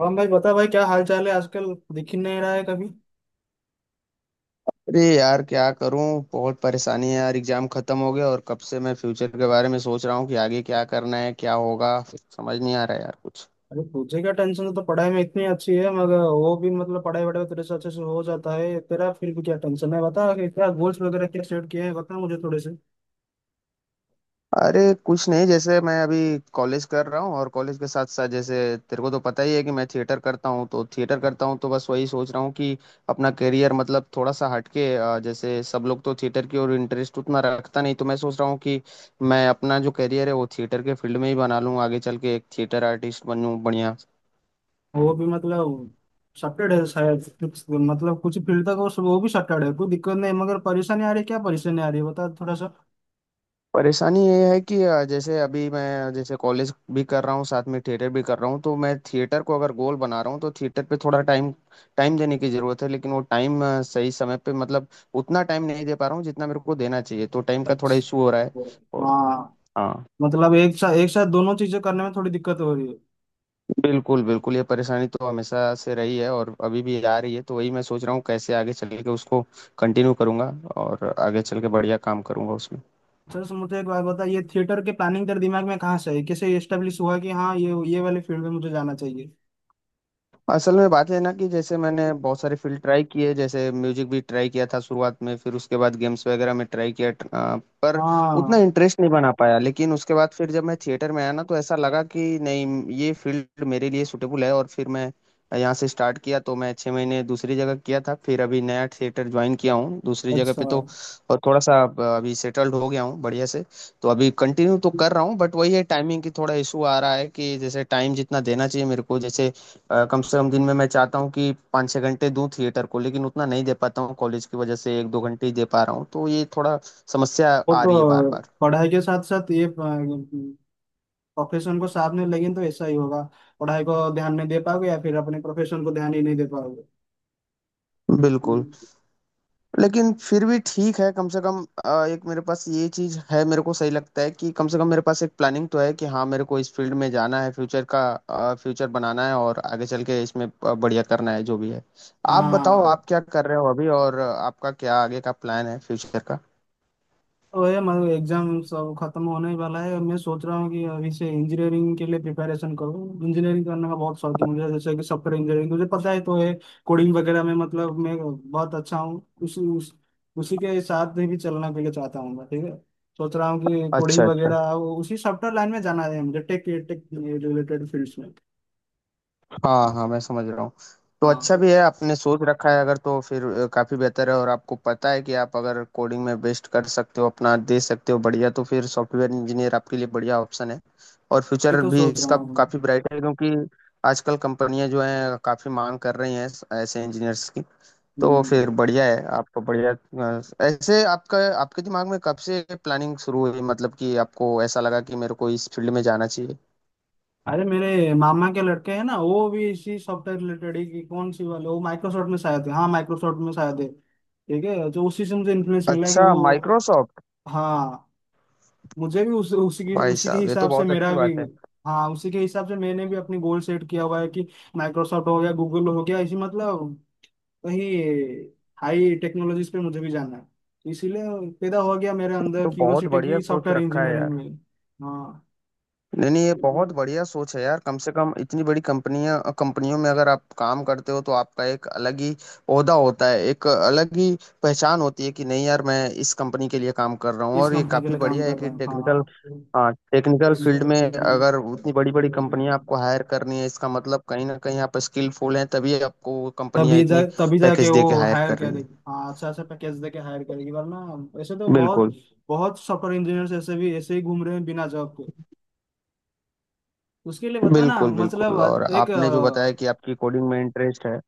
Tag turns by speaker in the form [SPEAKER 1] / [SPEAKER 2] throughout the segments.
[SPEAKER 1] हम भाई बता भाई, क्या हाल चाल है आजकल? दिख ही नहीं रहा है कभी।
[SPEAKER 2] अरे यार क्या करूं। बहुत परेशानी है यार, एग्जाम खत्म हो गया और कब से मैं फ्यूचर के बारे में सोच रहा हूँ कि आगे क्या करना है, क्या होगा समझ नहीं आ रहा है यार कुछ।
[SPEAKER 1] अरे तुझे क्या टेंशन है? तो पढ़ाई में इतनी अच्छी है, मगर वो भी मतलब पढ़ाई वढ़ाई तेरे से अच्छे से हो जाता है तेरा, फिर भी क्या टेंशन है? बता कि क्या गोल्स वगैरह क्या सेट किए हैं, बता मुझे थोड़े से।
[SPEAKER 2] अरे कुछ नहीं, जैसे मैं अभी कॉलेज कर रहा हूँ और कॉलेज के साथ साथ जैसे तेरे को तो पता ही है कि मैं थिएटर करता हूँ, तो बस वही सोच रहा हूँ कि अपना करियर मतलब थोड़ा सा हटके, जैसे सब लोग तो थिएटर की ओर इंटरेस्ट उतना रखता नहीं, तो मैं सोच रहा हूँ कि मैं अपना जो करियर है वो थिएटर के फील्ड में ही बना लूँ, आगे चल के एक थिएटर आर्टिस्ट बनूँ बढ़िया।
[SPEAKER 1] वो भी मतलब सटेड है शायद मतलब कुछ फील्ड तक, वो भी सटेड है, कोई दिक्कत नहीं। मगर परेशानी आ रही है, क्या परेशानी आ रही है बता थोड़ा सा।
[SPEAKER 2] परेशानी ये है कि जैसे अभी मैं जैसे कॉलेज भी कर रहा हूँ साथ में थिएटर भी कर रहा हूँ, तो मैं थिएटर को अगर गोल बना रहा हूँ तो थिएटर पे थोड़ा टाइम टाइम देने की ज़रूरत है, लेकिन वो टाइम सही समय पे मतलब उतना टाइम नहीं दे पा रहा हूँ जितना मेरे को देना चाहिए, तो टाइम का थोड़ा
[SPEAKER 1] अच्छा।
[SPEAKER 2] इशू हो रहा है और।
[SPEAKER 1] हाँ,
[SPEAKER 2] हाँ।
[SPEAKER 1] मतलब एक साथ दोनों चीजें करने में थोड़ी दिक्कत हो रही है।
[SPEAKER 2] बिल्कुल बिल्कुल, ये परेशानी तो हमेशा से रही है और अभी भी आ रही है, तो वही मैं सोच रहा हूँ कैसे आगे चल के उसको कंटिन्यू करूंगा और आगे चल के बढ़िया काम करूंगा उसमें।
[SPEAKER 1] सर सर, मुझे एक बात बताइए, ये थिएटर के प्लानिंग तेरे दिमाग में कहाँ से है? कैसे एस्टेब्लिश हुआ कि हाँ ये वाले फील्ड में मुझे जाना चाहिए?
[SPEAKER 2] असल में बात है ना कि जैसे मैंने बहुत सारे फील्ड ट्राई किए, जैसे म्यूजिक भी ट्राई किया था शुरुआत में, फिर उसके बाद गेम्स वगैरह में ट्राई किया पर उतना
[SPEAKER 1] हाँ।
[SPEAKER 2] इंटरेस्ट नहीं बना पाया। लेकिन उसके बाद फिर जब मैं थिएटर में आया ना तो ऐसा लगा कि नहीं, ये फील्ड मेरे लिए सूटेबल है, और फिर मैं यहाँ से स्टार्ट किया। तो मैं 6 महीने दूसरी जगह किया था, फिर अभी नया थिएटर ज्वाइन किया हूँ दूसरी जगह
[SPEAKER 1] अच्छा।
[SPEAKER 2] पे,
[SPEAKER 1] वो
[SPEAKER 2] तो और थोड़ा सा अब अभी सेटल्ड हो गया हूँ बढ़िया से। तो अभी कंटिन्यू तो कर रहा हूँ, बट वही है टाइमिंग की थोड़ा इशू आ रहा है कि जैसे टाइम जितना देना चाहिए मेरे को, जैसे कम से कम दिन में मैं चाहता हूँ कि 5 छः घंटे दूं थिएटर को, लेकिन उतना नहीं दे पाता हूँ, कॉलेज की वजह से 1 2 घंटे ही दे पा रहा हूँ, तो ये थोड़ा समस्या आ रही है बार
[SPEAKER 1] तो
[SPEAKER 2] बार।
[SPEAKER 1] पढ़ाई के साथ साथ ये प्रोफेशन को साथ में लेंगे तो ऐसा ही होगा। पढ़ाई को ध्यान नहीं दे पाओगे या फिर अपने प्रोफेशन को ध्यान ही नहीं दे पाओगे।
[SPEAKER 2] बिल्कुल। लेकिन फिर भी ठीक है, कम से कम एक मेरे पास ये चीज है, मेरे को सही लगता है कि कम से कम मेरे पास एक प्लानिंग तो है कि हाँ मेरे को इस फील्ड में जाना है, फ्यूचर बनाना है और आगे चल के इसमें बढ़िया करना है जो भी है। आप बताओ
[SPEAKER 1] हाँ।
[SPEAKER 2] आप क्या कर रहे हो अभी, और आपका क्या आगे का प्लान है फ्यूचर का।
[SPEAKER 1] तो ये मतलब एग्जाम सब खत्म होने ही वाला है, मैं सोच रहा हूँ कि अभी से इंजीनियरिंग के लिए प्रिपरेशन करूँ। इंजीनियरिंग करने का बहुत शौक है मुझे, जैसे कि सॉफ्टवेयर इंजीनियरिंग मुझे पता है। तो ये कोडिंग वगैरह में मतलब मैं बहुत अच्छा हूँ। उसी के साथ भी चलना के लिए चाहता हूँ मैं, ठीक है। सोच रहा हूँ कि कोडिंग
[SPEAKER 2] अच्छा अच्छा।
[SPEAKER 1] वगैरह, वो उसी सॉफ्टवेयर लाइन में जाना है मुझे, टेक टेक रिलेटेड फील्ड्स में।
[SPEAKER 2] हाँ हाँ, मैं समझ रहा हूँ। तो अच्छा
[SPEAKER 1] हाँ,
[SPEAKER 2] भी है आपने सोच रखा है अगर, तो फिर काफी बेहतर है और आपको पता है कि आप अगर कोडिंग में बेस्ट कर सकते हो, अपना दे सकते हो बढ़िया, तो फिर सॉफ्टवेयर इंजीनियर आपके लिए बढ़िया ऑप्शन है। और
[SPEAKER 1] ये
[SPEAKER 2] फ्यूचर
[SPEAKER 1] तो
[SPEAKER 2] भी
[SPEAKER 1] सोच रहा
[SPEAKER 2] इसका काफी
[SPEAKER 1] हूँ।
[SPEAKER 2] ब्राइट है, क्योंकि आजकल कंपनियां जो हैं काफी मांग कर रही हैं ऐसे इंजीनियर्स की। तो
[SPEAKER 1] हम्म।
[SPEAKER 2] फिर बढ़िया है आपको बढ़िया। ऐसे आपका आपके दिमाग में कब से प्लानिंग शुरू हुई, मतलब कि आपको ऐसा लगा कि मेरे को इस फील्ड में जाना चाहिए।
[SPEAKER 1] अरे मेरे मामा के लड़के हैं ना, वो भी इसी सॉफ्टवेयर रिलेटेड ही, कि कौन सी वाले, वो माइक्रोसॉफ्ट में शायद थे। हाँ, माइक्रोसॉफ्ट में शायद थे, ठीक है। तो उसी से मुझे इन्फ्लुएंस मिला कि
[SPEAKER 2] अच्छा
[SPEAKER 1] वो।
[SPEAKER 2] माइक्रोसॉफ्ट।
[SPEAKER 1] हाँ, मुझे भी उसी की
[SPEAKER 2] भाई
[SPEAKER 1] उसी के
[SPEAKER 2] साहब ये तो
[SPEAKER 1] हिसाब से
[SPEAKER 2] बहुत
[SPEAKER 1] मेरा
[SPEAKER 2] अच्छी
[SPEAKER 1] भी।
[SPEAKER 2] बात है।
[SPEAKER 1] हाँ, उसी के हिसाब से मैंने भी अपनी गोल सेट किया हुआ है कि माइक्रोसॉफ्ट हो गया, गूगल हो गया, इसी मतलब वही हाई टेक्नोलॉजीज पे मुझे भी जाना है। इसीलिए पैदा हो गया मेरे अंदर
[SPEAKER 2] तो बहुत
[SPEAKER 1] क्यूरोसिटी
[SPEAKER 2] बढ़िया
[SPEAKER 1] की
[SPEAKER 2] सोच
[SPEAKER 1] सॉफ्टवेयर
[SPEAKER 2] रखा है
[SPEAKER 1] इंजीनियरिंग
[SPEAKER 2] यार।
[SPEAKER 1] में। हाँ,
[SPEAKER 2] नहीं नहीं, ये बहुत बढ़िया सोच है यार, कम से कम इतनी बड़ी कंपनियां कंपनियों में अगर आप काम करते हो तो आपका एक अलग ही ओहदा होता है, एक अलग ही पहचान होती है कि नहीं यार मैं इस कंपनी के लिए काम कर रहा हूँ,
[SPEAKER 1] इस
[SPEAKER 2] और ये
[SPEAKER 1] कंपनी के
[SPEAKER 2] काफी
[SPEAKER 1] लिए काम
[SPEAKER 2] बढ़िया है
[SPEAKER 1] कर रहा
[SPEAKER 2] कि
[SPEAKER 1] हूँ।
[SPEAKER 2] टेक्निकल।
[SPEAKER 1] हाँ,
[SPEAKER 2] हाँ, टेक्निकल फील्ड में
[SPEAKER 1] तभी
[SPEAKER 2] अगर उतनी बड़ी बड़ी कंपनियां आपको हायर करनी है, इसका मतलब कहीं ना कहीं आप स्किलफुल हैं, तभी आपको वो कंपनियां इतनी
[SPEAKER 1] तभी जाके
[SPEAKER 2] पैकेज दे के
[SPEAKER 1] वो
[SPEAKER 2] हायर
[SPEAKER 1] हायर
[SPEAKER 2] कर रही हैं।
[SPEAKER 1] करेगी। हाँ, अच्छा, अच्छा पैकेज देके हायर करेगी, वरना ऐसे तो बहुत
[SPEAKER 2] बिल्कुल।
[SPEAKER 1] बहुत सॉफ्टवेयर इंजीनियर्स ऐसे भी ऐसे ही घूम रहे हैं बिना जॉब के। उसके लिए बता ना
[SPEAKER 2] बिल्कुल, बिल्कुल, और
[SPEAKER 1] मतलब एक
[SPEAKER 2] आपने जो बताया कि आपकी कोडिंग में इंटरेस्ट है।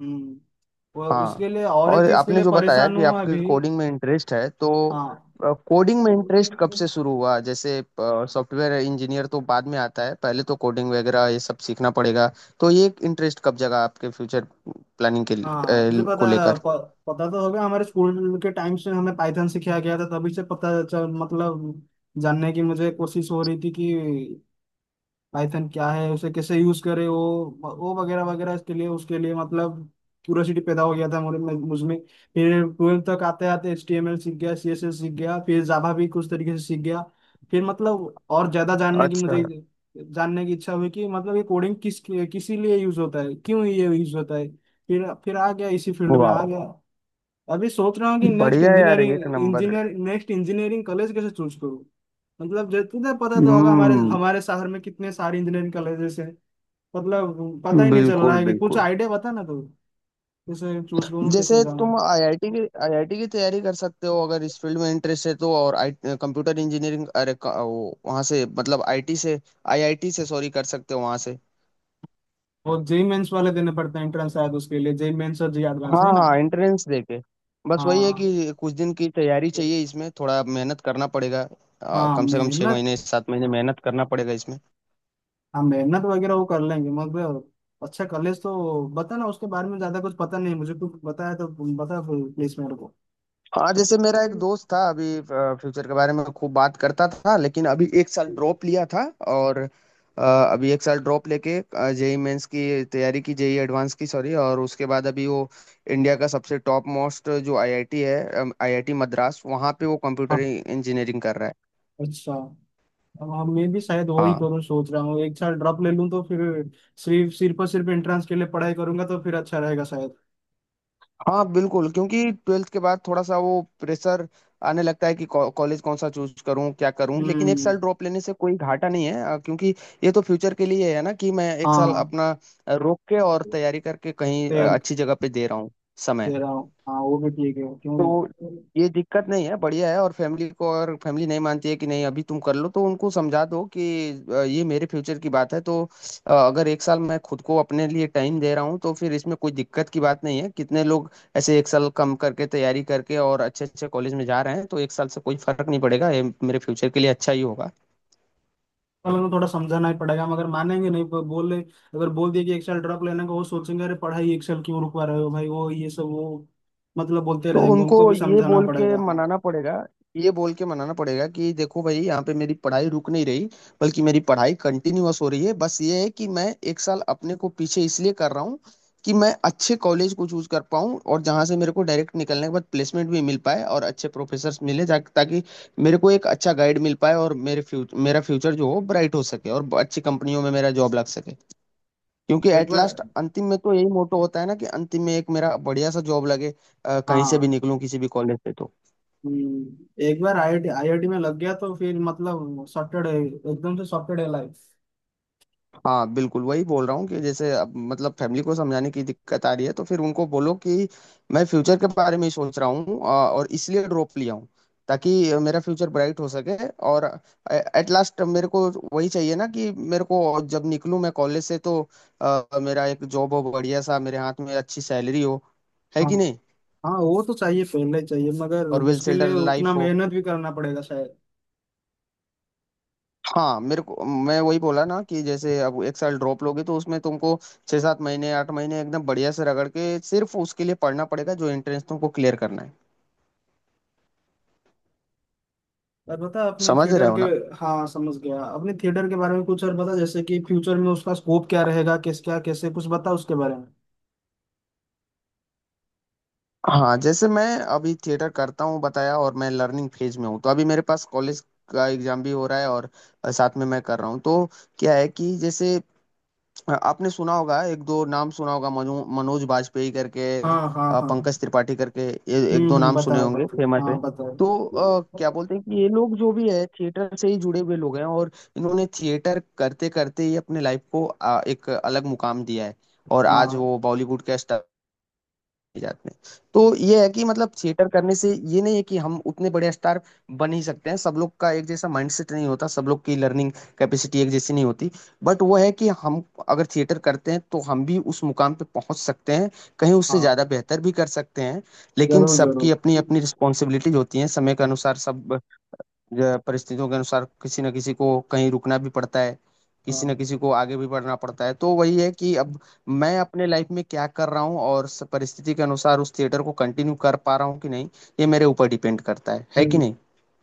[SPEAKER 1] हम्म, वो
[SPEAKER 2] हाँ,
[SPEAKER 1] उसके लिए और एक
[SPEAKER 2] और
[SPEAKER 1] चीज के
[SPEAKER 2] आपने
[SPEAKER 1] लिए
[SPEAKER 2] जो बताया
[SPEAKER 1] परेशान
[SPEAKER 2] कि
[SPEAKER 1] हूँ
[SPEAKER 2] आपकी
[SPEAKER 1] अभी।
[SPEAKER 2] कोडिंग में इंटरेस्ट है, तो
[SPEAKER 1] हाँ।
[SPEAKER 2] कोडिंग में इंटरेस्ट कब से शुरू हुआ, जैसे सॉफ्टवेयर इंजीनियर तो बाद में आता है, पहले तो कोडिंग वगैरह ये सब सीखना पड़ेगा। तो ये इंटरेस्ट कब जगा आपके फ्यूचर प्लानिंग के
[SPEAKER 1] हाँ, तुझे
[SPEAKER 2] को
[SPEAKER 1] पता,
[SPEAKER 2] लेकर।
[SPEAKER 1] प, पता तो होगा हमारे स्कूल के टाइम से हमें पाइथन सिखाया गया था, तभी से पता चल मतलब जानने की मुझे कोशिश हो रही थी कि पाइथन क्या है, उसे कैसे यूज करे, वो वगैरह वगैरह, इसके लिए उसके लिए मतलब क्यूरियोसिटी पैदा हो गया था मुझे, मुझमें। फिर ट्वेल्थ तक आते आते HTML सीख गया, CSS सीख गया, फिर जावा भी कुछ तरीके से सीख गया। फिर मतलब और ज्यादा जानने की
[SPEAKER 2] अच्छा।
[SPEAKER 1] मुझे जानने की इच्छा हुई कि मतलब ये कोडिंग किसी लिए यूज होता है, क्यों ये यूज होता है। फिर आ गया, इसी फील्ड में आ
[SPEAKER 2] वाह।
[SPEAKER 1] गया। अभी सोच रहा हूँ कि
[SPEAKER 2] बढ़िया यार एक नंबर।
[SPEAKER 1] नेक्स्ट इंजीनियरिंग कॉलेज कैसे चूज करूँ। मतलब जब तुझे पता तो होगा हमारे
[SPEAKER 2] हम्म।
[SPEAKER 1] हमारे शहर में कितने सारे इंजीनियरिंग कॉलेजेस हैं, मतलब पता ही नहीं चल रहा
[SPEAKER 2] बिल्कुल
[SPEAKER 1] है कि। कुछ
[SPEAKER 2] बिल्कुल।
[SPEAKER 1] आइडिया बता ना तू, कैसे चूज करूँ,
[SPEAKER 2] जैसे
[SPEAKER 1] कैसे
[SPEAKER 2] तुम
[SPEAKER 1] जाऊँ।
[SPEAKER 2] आईआईटी की तैयारी कर सकते हो अगर इस फील्ड में इंटरेस्ट है तो, और आई कंप्यूटर इंजीनियरिंग। वो वहाँ से मतलब आईटी से आईआईटी से, सॉरी, कर सकते हो वहाँ से।
[SPEAKER 1] और जेई मेंस वाले देने पड़ते हैं एंट्रेंस शायद, उसके लिए जेई मेंस और जेई एडवांस
[SPEAKER 2] हाँ
[SPEAKER 1] है ना।
[SPEAKER 2] हाँ एंट्रेंस देके। बस वही है
[SPEAKER 1] हाँ।
[SPEAKER 2] कि कुछ दिन की तैयारी चाहिए, इसमें थोड़ा मेहनत करना पड़ेगा।
[SPEAKER 1] हाँ
[SPEAKER 2] कम से कम छः
[SPEAKER 1] मेहनत,
[SPEAKER 2] महीने सात महीने मेहनत करना पड़ेगा इसमें।
[SPEAKER 1] हाँ मेहनत वगैरह वो कर लेंगे मतलब। अच्छा कॉलेज तो बता ना, उसके बारे में ज्यादा कुछ पता नहीं मुझे, कुछ बताया तो, बता प्लीज मेरे
[SPEAKER 2] हाँ, जैसे मेरा एक
[SPEAKER 1] को।
[SPEAKER 2] दोस्त था, अभी फ्यूचर के बारे में खूब बात करता था, लेकिन अभी 1 साल ड्रॉप लिया था, और अ, अभी एक साल ड्रॉप लेके जेई मेंस की तैयारी की, जेई एडवांस की सॉरी, और उसके बाद अभी वो इंडिया का सबसे टॉप मोस्ट जो आईआईटी है, आईआईटी मद्रास, वहाँ पे वो कंप्यूटर
[SPEAKER 1] हाँ।
[SPEAKER 2] इंजीनियरिंग कर रहा है।
[SPEAKER 1] अच्छा। हाँ, मैं भी शायद वही
[SPEAKER 2] हाँ
[SPEAKER 1] करूँ, सोच रहा हूँ एक साल ड्रॉप ले लूँ तो फिर सिर्फ सिर्फ और सिर्फ एंट्रेंस के लिए पढ़ाई करूंगा तो फिर अच्छा रहेगा शायद।
[SPEAKER 2] हाँ बिल्कुल, क्योंकि ट्वेल्थ के बाद थोड़ा सा वो प्रेशर आने लगता है कि कॉलेज कौन सा चूज करूँ क्या करूँ, लेकिन एक
[SPEAKER 1] हम्म।
[SPEAKER 2] साल ड्रॉप लेने से कोई घाटा नहीं है क्योंकि ये तो फ्यूचर के लिए है ना कि मैं 1 साल
[SPEAKER 1] हाँ
[SPEAKER 2] अपना रोक के और तैयारी करके कहीं
[SPEAKER 1] तैयार
[SPEAKER 2] अच्छी जगह पे दे रहा हूँ समय।
[SPEAKER 1] दे रहा हूँ, हाँ वो भी ठीक है, क्यों
[SPEAKER 2] तो ये दिक्कत नहीं है, बढ़िया है। और फैमिली को, और फैमिली नहीं मानती है कि नहीं अभी तुम कर लो, तो उनको समझा दो कि ये मेरे फ्यूचर की बात है, तो अगर एक साल मैं खुद को अपने लिए टाइम दे रहा हूँ तो फिर इसमें कोई दिक्कत की बात नहीं है। कितने लोग ऐसे एक साल कम करके तैयारी करके और अच्छे अच्छे कॉलेज में जा रहे हैं, तो एक साल से कोई फर्क नहीं पड़ेगा, ये मेरे फ्यूचर के लिए अच्छा ही होगा।
[SPEAKER 1] वालों को थोड़ा समझाना ही पड़ेगा, मगर मानेंगे नहीं। बोले अगर बोल दिए कि एक साल ड्रॉप लेने का, वो सोचेंगे अरे पढ़ाई एक साल क्यों रुकवा रहे हो भाई, वो ये सब वो मतलब बोलते
[SPEAKER 2] तो
[SPEAKER 1] रहेंगे, उनको
[SPEAKER 2] उनको
[SPEAKER 1] भी
[SPEAKER 2] ये
[SPEAKER 1] समझाना
[SPEAKER 2] बोल के
[SPEAKER 1] पड़ेगा। हाँ,
[SPEAKER 2] मनाना पड़ेगा, ये बोल के मनाना पड़ेगा कि देखो भाई यहाँ पे मेरी पढ़ाई रुक नहीं रही, बल्कि मेरी पढ़ाई कंटिन्यूअस हो रही है, बस ये है कि मैं एक साल अपने को पीछे इसलिए कर रहा हूँ कि मैं अच्छे कॉलेज को चूज कर पाऊँ और जहाँ से मेरे को डायरेक्ट निकलने के बाद प्लेसमेंट भी मिल पाए और अच्छे प्रोफेसर मिले ताकि मेरे को एक अच्छा गाइड मिल पाए, और मेरे फ्यूचर मेरा फ्यूचर जो हो ब्राइट हो सके और अच्छी कंपनियों में मेरा जॉब लग सके। क्योंकि
[SPEAKER 1] एक
[SPEAKER 2] एट
[SPEAKER 1] बार।
[SPEAKER 2] लास्ट, अंतिम में तो यही मोटो होता है ना कि अंतिम में एक मेरा बढ़िया सा जॉब लगे, कहीं से भी
[SPEAKER 1] हाँ।
[SPEAKER 2] निकलूं किसी भी कॉलेज से तो।
[SPEAKER 1] एक बार आईआईटी आईआईटी में लग गया तो फिर मतलब सॉर्टेड है, एकदम से सॉर्टेड है लाइफ।
[SPEAKER 2] हाँ बिल्कुल, वही बोल रहा हूँ कि जैसे अब मतलब फैमिली को समझाने की दिक्कत आ रही है, तो फिर उनको बोलो कि मैं फ्यूचर के बारे में ही सोच रहा हूँ, और इसलिए ड्रॉप लिया हूँ ताकि मेरा फ्यूचर ब्राइट हो सके। और एट लास्ट मेरे को वही चाहिए ना कि मेरे को जब निकलूं मैं कॉलेज से तो मेरा एक जॉब हो बढ़िया सा, मेरे हाथ में अच्छी सैलरी हो, है
[SPEAKER 1] हाँ।
[SPEAKER 2] कि नहीं।
[SPEAKER 1] हाँ, वो तो चाहिए, पहले चाहिए, मगर
[SPEAKER 2] और वेल
[SPEAKER 1] उसके लिए
[SPEAKER 2] सेटल्ड
[SPEAKER 1] उतना
[SPEAKER 2] लाइफ हो।
[SPEAKER 1] मेहनत भी करना पड़ेगा शायद।
[SPEAKER 2] हाँ मेरे को, मैं वही बोला ना कि जैसे अब एक साल ड्रॉप लोगे तो उसमें तुमको 6 7 महीने 8 महीने एकदम बढ़िया से रगड़ के सिर्फ उसके लिए पढ़ना पड़ेगा जो एंट्रेंस तुमको क्लियर करना है।
[SPEAKER 1] और बता अपने
[SPEAKER 2] समझ रहे
[SPEAKER 1] थिएटर
[SPEAKER 2] हो
[SPEAKER 1] के।
[SPEAKER 2] ना।
[SPEAKER 1] हाँ, समझ गया, अपने थिएटर के बारे में कुछ और बता, जैसे कि फ्यूचर में उसका स्कोप क्या रहेगा, किस क्या कैसे कुछ बता उसके बारे में।
[SPEAKER 2] हाँ जैसे मैं अभी थिएटर करता हूँ बताया, और मैं लर्निंग फेज में हूँ, तो अभी मेरे पास कॉलेज का एग्जाम भी हो रहा है और साथ में मैं कर रहा हूँ, तो क्या है कि जैसे आपने सुना होगा एक दो नाम सुना होगा मनोज बाजपेयी करके,
[SPEAKER 1] हाँ। हाँ। हाँ।
[SPEAKER 2] पंकज त्रिपाठी करके, ये एक दो
[SPEAKER 1] हम्म,
[SPEAKER 2] नाम सुने
[SPEAKER 1] बताए
[SPEAKER 2] होंगे
[SPEAKER 1] बताए,
[SPEAKER 2] फेमस है।
[SPEAKER 1] हाँ बताए।
[SPEAKER 2] तो क्या बोलते हैं कि ये लोग जो भी है थिएटर से ही जुड़े हुए लोग हैं, और इन्होंने थिएटर करते करते ही अपने लाइफ को एक अलग मुकाम दिया है और आज
[SPEAKER 1] हाँ।
[SPEAKER 2] वो बॉलीवुड के जात में। तो ये है कि मतलब थिएटर करने से ये नहीं है कि हम उतने बड़े स्टार बन ही सकते हैं, सब लोग का एक जैसा माइंडसेट नहीं होता, सब लोग की लर्निंग कैपेसिटी एक जैसी नहीं होती, बट वो है कि हम अगर थिएटर करते हैं तो हम भी उस मुकाम पे पहुंच सकते हैं, कहीं उससे
[SPEAKER 1] हाँ,
[SPEAKER 2] ज्यादा बेहतर भी कर सकते हैं। लेकिन
[SPEAKER 1] जरूर जरूर।
[SPEAKER 2] सबकी अपनी अपनी रिस्पॉन्सिबिलिटीज होती हैं, समय के अनुसार सब जो परिस्थितियों के अनुसार किसी न किसी को कहीं रुकना भी पड़ता है, किसी न
[SPEAKER 1] हाँ।
[SPEAKER 2] किसी को आगे भी बढ़ना पड़ता है। तो वही है कि अब मैं अपने लाइफ में क्या कर रहा हूँ और परिस्थिति के अनुसार उस थिएटर को कंटिन्यू कर पा रहा हूँ कि नहीं, ये मेरे ऊपर डिपेंड करता है कि
[SPEAKER 1] हम्म।
[SPEAKER 2] नहीं।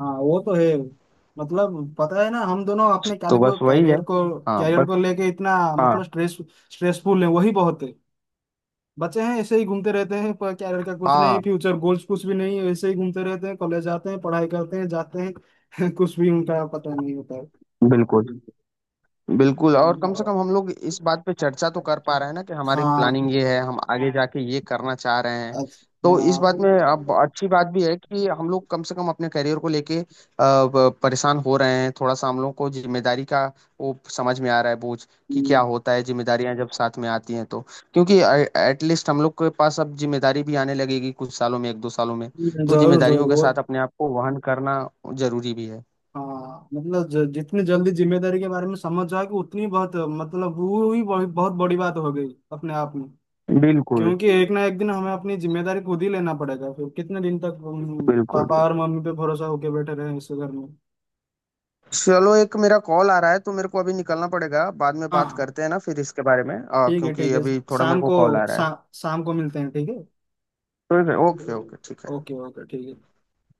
[SPEAKER 1] हाँ, वो तो है। मतलब पता है ना, हम दोनों अपने
[SPEAKER 2] तो
[SPEAKER 1] कैरियर को
[SPEAKER 2] बस वही है।
[SPEAKER 1] कैरियर को
[SPEAKER 2] हाँ
[SPEAKER 1] कैरियर को
[SPEAKER 2] बस।
[SPEAKER 1] लेके इतना
[SPEAKER 2] हाँ
[SPEAKER 1] मतलब स्ट्रेस, स्ट्रेसफुल है, वही बहुत है। बच्चे हैं ऐसे ही घूमते रहते हैं, पर कैरियर का कुछ नहीं,
[SPEAKER 2] हाँ।
[SPEAKER 1] फ्यूचर गोल्स कुछ भी नहीं, ऐसे ही घूमते रहते हैं, कॉलेज जाते हैं, पढ़ाई करते हैं, जाते हैं कुछ भी उनका पता नहीं होता है।
[SPEAKER 2] बिल्कुल बिल्कुल, और कम से कम हम लोग इस बात पे चर्चा तो कर पा रहे हैं ना कि
[SPEAKER 1] हाँ,
[SPEAKER 2] हमारी प्लानिंग
[SPEAKER 1] हाँ।
[SPEAKER 2] ये है, हम आगे जाके ये करना चाह रहे हैं।
[SPEAKER 1] अच्छा,
[SPEAKER 2] तो इस बात में
[SPEAKER 1] हाँ,
[SPEAKER 2] अब अच्छी बात भी है कि हम लोग कम से कम अपने करियर को लेके परेशान हो रहे हैं थोड़ा सा, हम लोग को जिम्मेदारी का वो समझ में आ रहा है बोझ कि क्या
[SPEAKER 1] हम्म,
[SPEAKER 2] होता है जिम्मेदारियां जब साथ में आती हैं तो, क्योंकि एटलीस्ट हम लोग के पास अब जिम्मेदारी भी आने लगेगी कुछ सालों में 1 2 सालों में, तो
[SPEAKER 1] जरूर जरूर
[SPEAKER 2] जिम्मेदारियों के
[SPEAKER 1] वो।
[SPEAKER 2] साथ अपने आप को वहन करना जरूरी भी है।
[SPEAKER 1] हाँ मतलब, जितनी जल्दी जिम्मेदारी के बारे में समझ जाओगे, उतनी बहुत मतलब वो ही बहुत, बहुत बड़ी बात हो गई अपने आप में।
[SPEAKER 2] बिल्कुल
[SPEAKER 1] क्योंकि एक ना एक दिन हमें अपनी जिम्मेदारी खुद ही लेना पड़ेगा, फिर कितने दिन तक हम
[SPEAKER 2] बिल्कुल।
[SPEAKER 1] पापा और मम्मी पे भरोसा होके बैठे रहे इस घर में।
[SPEAKER 2] चलो एक मेरा कॉल आ रहा है तो मेरे को अभी निकलना पड़ेगा, बाद में
[SPEAKER 1] हाँ,
[SPEAKER 2] बात
[SPEAKER 1] हाँ,
[SPEAKER 2] करते हैं ना फिर इसके बारे में,
[SPEAKER 1] ठीक है, ठीक
[SPEAKER 2] क्योंकि
[SPEAKER 1] है।
[SPEAKER 2] अभी थोड़ा मेरे
[SPEAKER 1] शाम
[SPEAKER 2] को
[SPEAKER 1] को,
[SPEAKER 2] कॉल आ रहा है।
[SPEAKER 1] शाम को मिलते हैं, ठीक है।
[SPEAKER 2] ठीक है ओके ओके ठीक है।
[SPEAKER 1] ओके ओके, ठीक है।